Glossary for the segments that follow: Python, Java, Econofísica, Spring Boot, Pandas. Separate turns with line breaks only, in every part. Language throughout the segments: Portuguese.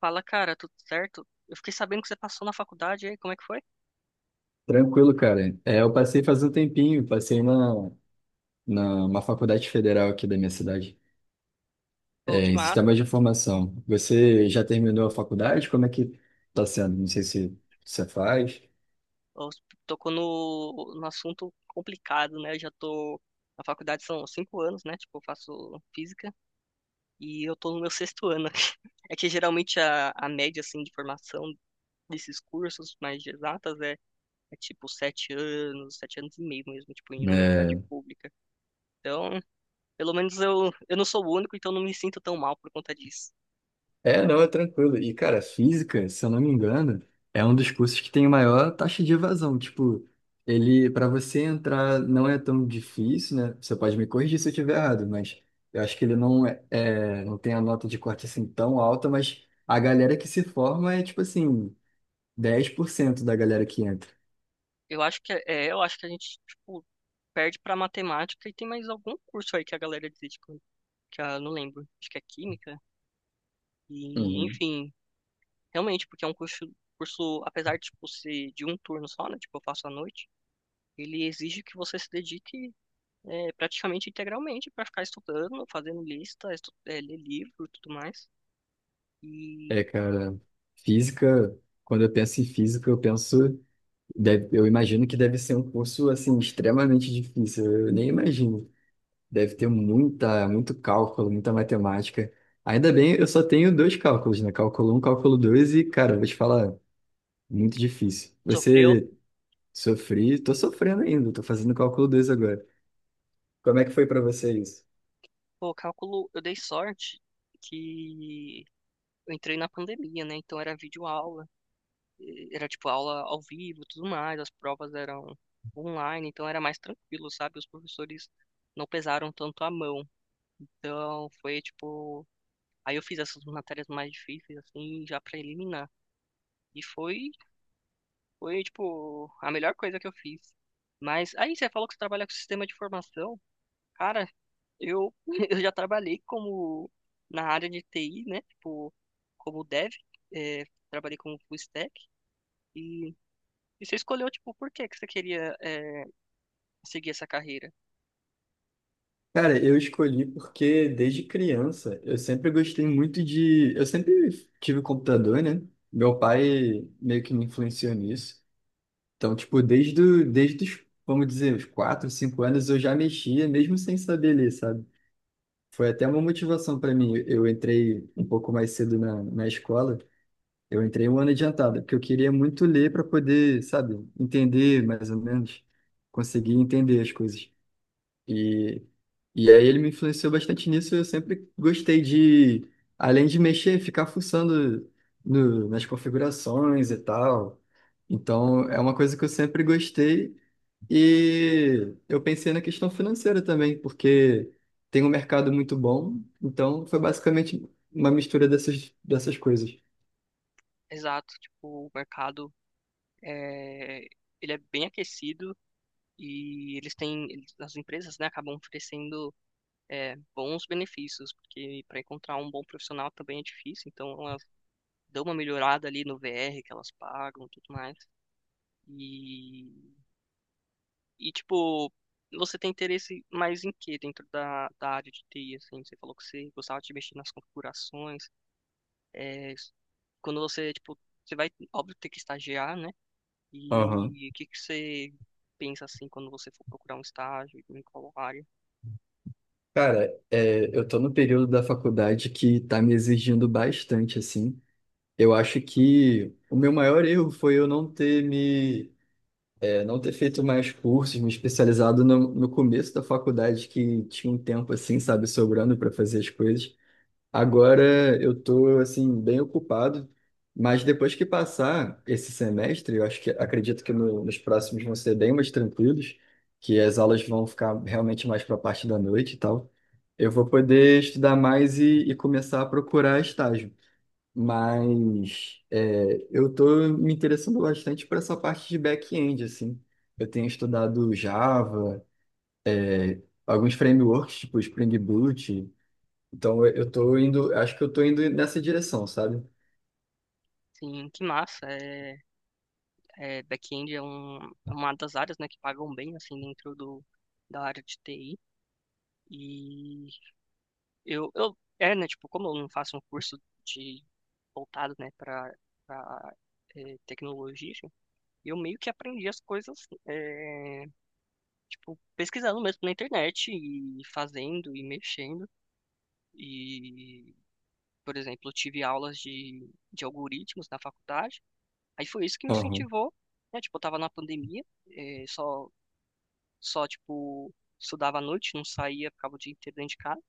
Fala, cara, tudo certo? Eu fiquei sabendo que você passou na faculdade, e aí, como é que foi?
Tranquilo, cara. É, eu passei faz um tempinho, passei na, na uma faculdade federal aqui da minha cidade,
Pô,
é,
que
em sistema
massa.
de informação. Você já terminou a faculdade? Como é que tá sendo? Não sei se você faz.
Ó, você tocou no assunto complicado, né? Eu já tô na faculdade são 5 anos, né? Tipo, eu faço física e eu tô no meu sexto ano aqui. É que geralmente a média, assim, de formação desses cursos mais de exatas é tipo 7 anos, 7 anos e meio mesmo, tipo, em universidade
Né?
pública. Então, pelo menos eu não sou o único, então não me sinto tão mal por conta disso.
É, não, é tranquilo. E, cara, física, se eu não me engano, é um dos cursos que tem maior taxa de evasão. Tipo, ele, para você entrar, não é tão difícil, né? Você pode me corrigir se eu estiver errado, mas eu acho que ele não é, é- não tem a nota de corte assim tão alta, mas a galera que se forma é, tipo assim, dez por cento da galera que entra.
Eu acho que eu acho que a gente, tipo, perde pra matemática e tem mais algum curso aí que a galera desiste, que eu não lembro. Acho que é química. E,
Uhum.
enfim, realmente, porque é um curso, apesar de, tipo, ser de um turno só, né? Tipo, eu faço à noite, ele exige que você se dedique praticamente integralmente pra ficar estudando, fazendo lista, ler livro e tudo mais. E
É, cara, física, quando eu penso em física, eu penso, eu imagino que deve ser um curso, assim, extremamente difícil. Eu nem imagino. Deve ter muita, muito cálculo, muita matemática. Ainda bem, eu só tenho dois cálculos, né? Cálculo um, cálculo 2 e, cara, vou te falar, muito difícil.
sofreu,
Você sofri, tô sofrendo ainda, tô fazendo cálculo 2 agora. Como é que foi pra você isso?
pô, cálculo, eu dei sorte que eu entrei na pandemia, né? Então era videoaula. Era tipo aula ao vivo, tudo mais, as provas eram online, então era mais tranquilo, sabe? Os professores não pesaram tanto a mão. Então foi tipo, aí eu fiz essas matérias mais difíceis assim, já pra eliminar. E foi tipo a melhor coisa que eu fiz. Mas aí você falou que você trabalha com sistema de formação. Cara, eu eu já trabalhei como na área de TI, né? Tipo, como dev, é, trabalhei como full stack e, e você escolheu tipo por que que você queria seguir essa carreira.
Cara, eu escolhi porque desde criança eu sempre gostei muito de, eu sempre tive computador, né? Meu pai meio que me influenciou nisso. Então, tipo, desde os, vamos dizer, os 4, 5 anos eu já mexia, mesmo sem saber ler, sabe? Foi até uma motivação para mim. Eu entrei um pouco mais cedo na escola. Eu entrei um ano adiantado, porque eu queria muito ler para poder, sabe, entender mais ou menos, conseguir entender as coisas. E, e aí ele me influenciou bastante nisso. Eu sempre gostei de, além de mexer, ficar fuçando no, nas configurações e tal. Então, é uma coisa que eu sempre gostei e eu pensei na questão financeira também, porque tem um mercado muito bom, então foi basicamente uma mistura dessas, dessas coisas.
Exato, tipo, o mercado é, ele é bem aquecido e as empresas, né, acabam oferecendo bons benefícios, porque para encontrar um bom profissional também é difícil, então elas dão uma melhorada ali no VR que elas pagam, e tudo mais. E, e, tipo, você tem interesse mais em quê dentro da área de TI, assim? Você falou que você gostava de mexer nas configurações, é, quando você, tipo, você vai, óbvio, ter que estagiar, né?
Aham.
E o que que você pensa assim quando você for procurar um estágio em qual área?
Cara, é, eu tô no período da faculdade que tá me exigindo bastante, assim. Eu acho que o meu maior erro foi eu não ter feito mais cursos, me especializado no começo da faculdade, que tinha um tempo, assim, sabe, sobrando para fazer as coisas. Agora eu tô assim bem ocupado, mas depois que passar esse semestre, eu acho que acredito que nos próximos vão ser bem mais tranquilos, que as aulas vão ficar realmente mais para a parte da noite e tal. Eu vou poder estudar mais e começar a procurar estágio. Mas é, eu tô me interessando bastante por essa parte de back-end assim. Eu tenho estudado Java, alguns frameworks tipo Spring Boot. Então eu tô indo, acho que eu tô indo nessa direção, sabe?
Sim, que massa. Back-end é uma das áreas, né, que pagam bem assim dentro do da área de TI. E eu, né, tipo, como eu não faço um curso de voltado, né, para tecnologia, eu meio que aprendi as coisas, tipo, pesquisando mesmo na internet e fazendo e mexendo. E, por exemplo, eu tive aulas de algoritmos na faculdade. Aí foi isso que me
Aham,
incentivou, né? Tipo, eu tava na pandemia, eh, só, só, tipo, estudava à noite, não saía, ficava o dia inteiro dentro de casa.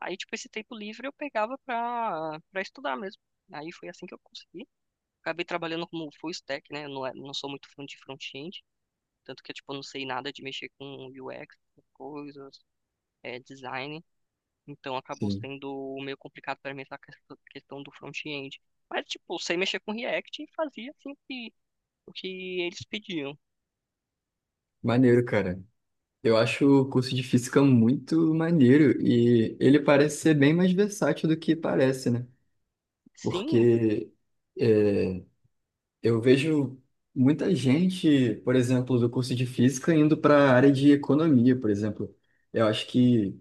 Aí, tipo, esse tempo livre eu pegava pra estudar mesmo. Aí foi assim que eu consegui. Acabei trabalhando como full stack, né? Eu não sou muito fã de front-end, tanto que eu, tipo, não sei nada de mexer com UX, essas coisas, design. Então acabou
sim.
sendo meio complicado para mim essa questão do front-end. Mas, tipo, sei mexer com React e fazia assim o que eles pediam.
Maneiro, cara. Eu acho o curso de física muito maneiro e ele parece ser bem mais versátil do que parece, né?
Sim,
Porque é, eu vejo muita gente, por exemplo, do curso de física indo para a área de economia, por exemplo. Eu acho que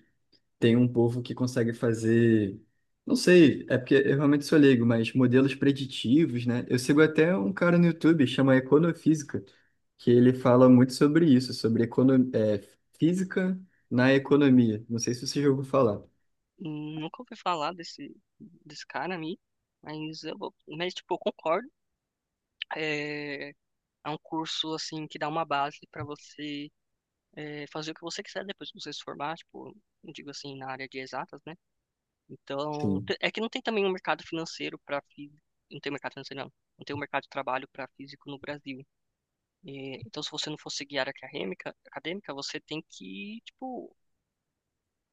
tem um povo que consegue fazer, não sei, é porque eu realmente sou leigo, mas modelos preditivos, né? Eu sigo até um cara no YouTube, chama Econofísica, que ele fala muito sobre isso, sobre física na economia. Não sei se você já ouviu falar.
nunca ouvi falar desse cara aí, mas mas tipo, eu concordo. É, é um curso assim que dá uma base para você fazer o que você quiser depois que você se formar, tipo, eu digo assim, na área de exatas, né? Então,
Sim,
é que não tem também um mercado financeiro para físico. Não tem mercado financeiro, não. Não tem um mercado de trabalho para físico no Brasil. E, então, se você não for seguir área acadêmica, você tem que, tipo,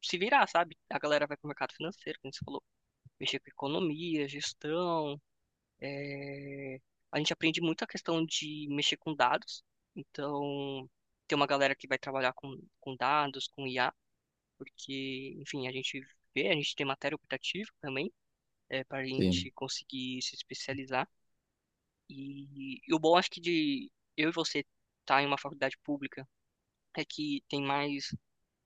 se virar, sabe? A galera vai pro mercado financeiro, como você falou, mexer com economia, gestão. eh, A gente aprende muito a questão de mexer com dados. Então, tem uma galera que vai trabalhar com dados, com IA, porque, enfim, a gente tem matéria optativa também, para a
sim.
gente conseguir se especializar. E, o bom, acho que de eu e você estar em uma faculdade pública é que tem mais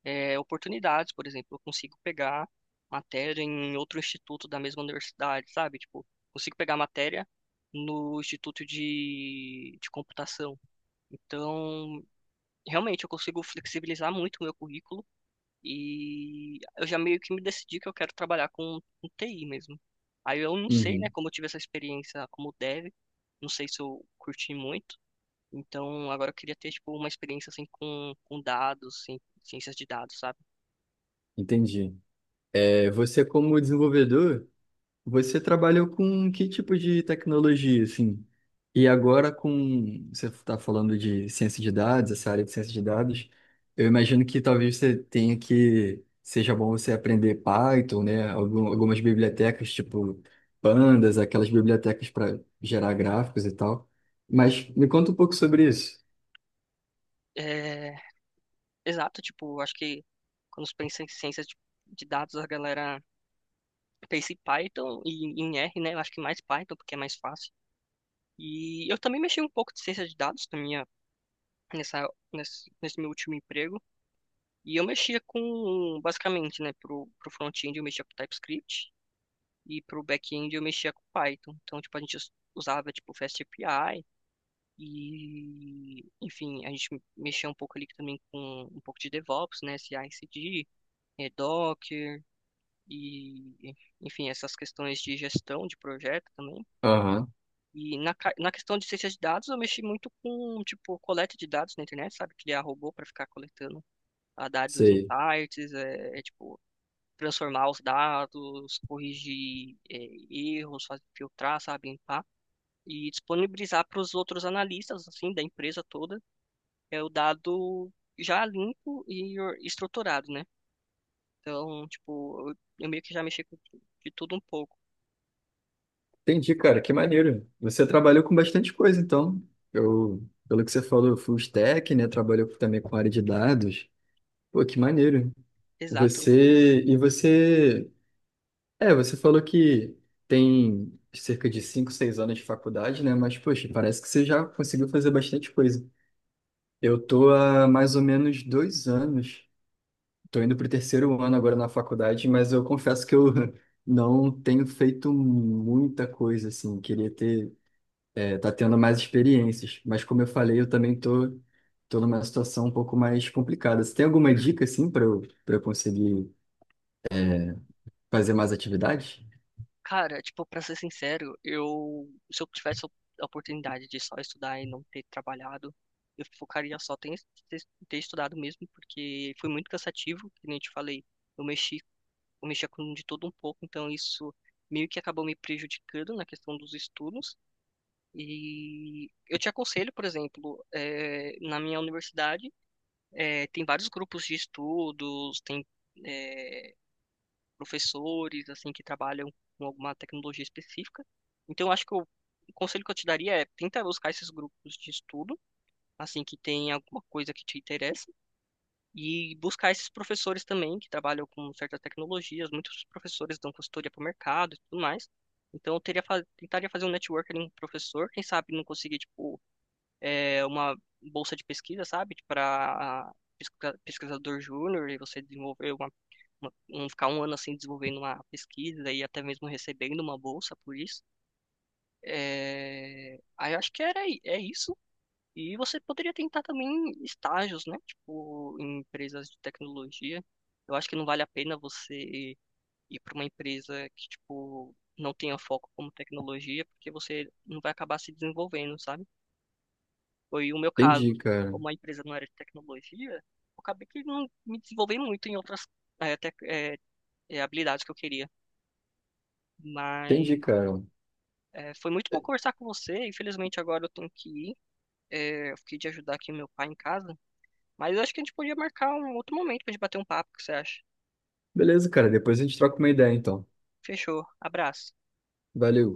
oportunidades, por exemplo, eu consigo pegar matéria em outro instituto da mesma universidade, sabe? Tipo, consigo pegar matéria no instituto de computação. Então, realmente, eu consigo flexibilizar muito o meu currículo e eu já meio que me decidi que eu quero trabalhar com TI mesmo. Aí eu não sei, né,
Uhum,
como eu tive essa experiência como dev, não sei se eu curti muito, então, agora eu queria ter, tipo, uma experiência, assim, com dados, assim, ciências de dados, sabe?
entendi. É, você como desenvolvedor, você trabalhou com que tipo de tecnologia, assim? E agora com... Você está falando de ciência de dados, essa área de ciência de dados. Eu imagino que talvez você tenha que... Seja bom você aprender Python, né? Algumas bibliotecas, tipo Pandas, aquelas bibliotecas para gerar gráficos e tal. Mas me conta um pouco sobre isso.
É, exato, tipo, acho que quando se pensa em ciências de dados, a galera pensa em Python e em R, né? Eu acho que mais Python, porque é mais fácil. E eu também mexi um pouco de ciência de dados na minha, nessa, nesse, nesse meu último emprego. E eu mexia com, basicamente, né, pro front-end eu mexia com TypeScript e pro back-end eu mexia com Python. Então, tipo, a gente usava, tipo, FastAPI. E, enfim, a gente mexeu um pouco ali também com um pouco de DevOps, né? CI/CD, Docker e, enfim, essas questões de gestão de projeto também.
Aham.
E na questão de ciência de dados, eu mexi muito com, tipo, coleta de dados na internet, sabe? Criar robô para ficar coletando dados em
Sei.
sites, tipo, transformar os dados, corrigir erros, fazer, filtrar, sabe? Limpar e disponibilizar para os outros analistas, assim, da empresa toda é o dado já limpo e estruturado, né? Então, tipo, eu meio que já mexi com de tudo um pouco.
Entendi, cara, que maneiro. Você trabalhou com bastante coisa, então. Eu, pelo que você falou, full stack, né? Trabalhou também com área de dados. Pô, que maneiro.
Exato.
Você, e você, é, você falou que tem cerca de 5, 6 anos de faculdade, né? Mas, poxa, parece que você já conseguiu fazer bastante coisa. Eu tô há mais ou menos dois anos, tô indo pro terceiro ano agora na faculdade, mas eu confesso que eu não tenho feito muita coisa, assim. Queria ter é, tá tendo mais experiências. Mas como eu falei, eu também tô numa situação um pouco mais complicada. Você tem alguma dica, assim, para eu conseguir fazer mais atividades?
Cara, tipo, pra ser sincero, se eu tivesse a oportunidade de só estudar e não ter trabalhado, eu focaria só em ter, ter, estudado mesmo, porque foi muito cansativo, que nem eu te falei, eu mexi, eu mexia com de tudo um pouco, então isso meio que acabou me prejudicando na questão dos estudos. E eu te aconselho, por exemplo, na minha universidade, tem vários grupos de estudos, tem é, professores assim que trabalham com alguma tecnologia específica. Então, eu acho que eu, o conselho que eu te daria é tenta buscar esses grupos de estudo, assim que tem alguma coisa que te interessa, e buscar esses professores também que trabalham com certas tecnologias. Muitos professores dão consultoria para o mercado e tudo mais. Então, tentaria fazer um networking com um professor, quem sabe não conseguir, tipo, uma bolsa de pesquisa, sabe? Para pesquisador júnior e você desenvolver ficar um ano assim desenvolvendo uma pesquisa e até mesmo recebendo uma bolsa por isso. É, aí eu acho que é isso. E você poderia tentar também estágios, né? Tipo, em empresas de tecnologia. Eu acho que não vale a pena você ir para uma empresa que, tipo, não tenha foco como tecnologia, porque você não vai acabar se desenvolvendo, sabe? Foi o meu
Entendi,
caso.
cara.
Como a empresa não era de tecnologia, eu acabei que não me desenvolvendo muito em outras eh, tec- eh, habilidades que eu queria.
Entendi,
Mas
cara.
foi muito bom conversar com você. Infelizmente agora eu tenho que ir. Eu fiquei de ajudar aqui meu pai em casa. Mas eu acho que a gente podia marcar um outro momento pra gente bater um papo, o que você acha?
Beleza, cara. Depois a gente troca uma ideia, então.
Fechou. Abraço.
Valeu.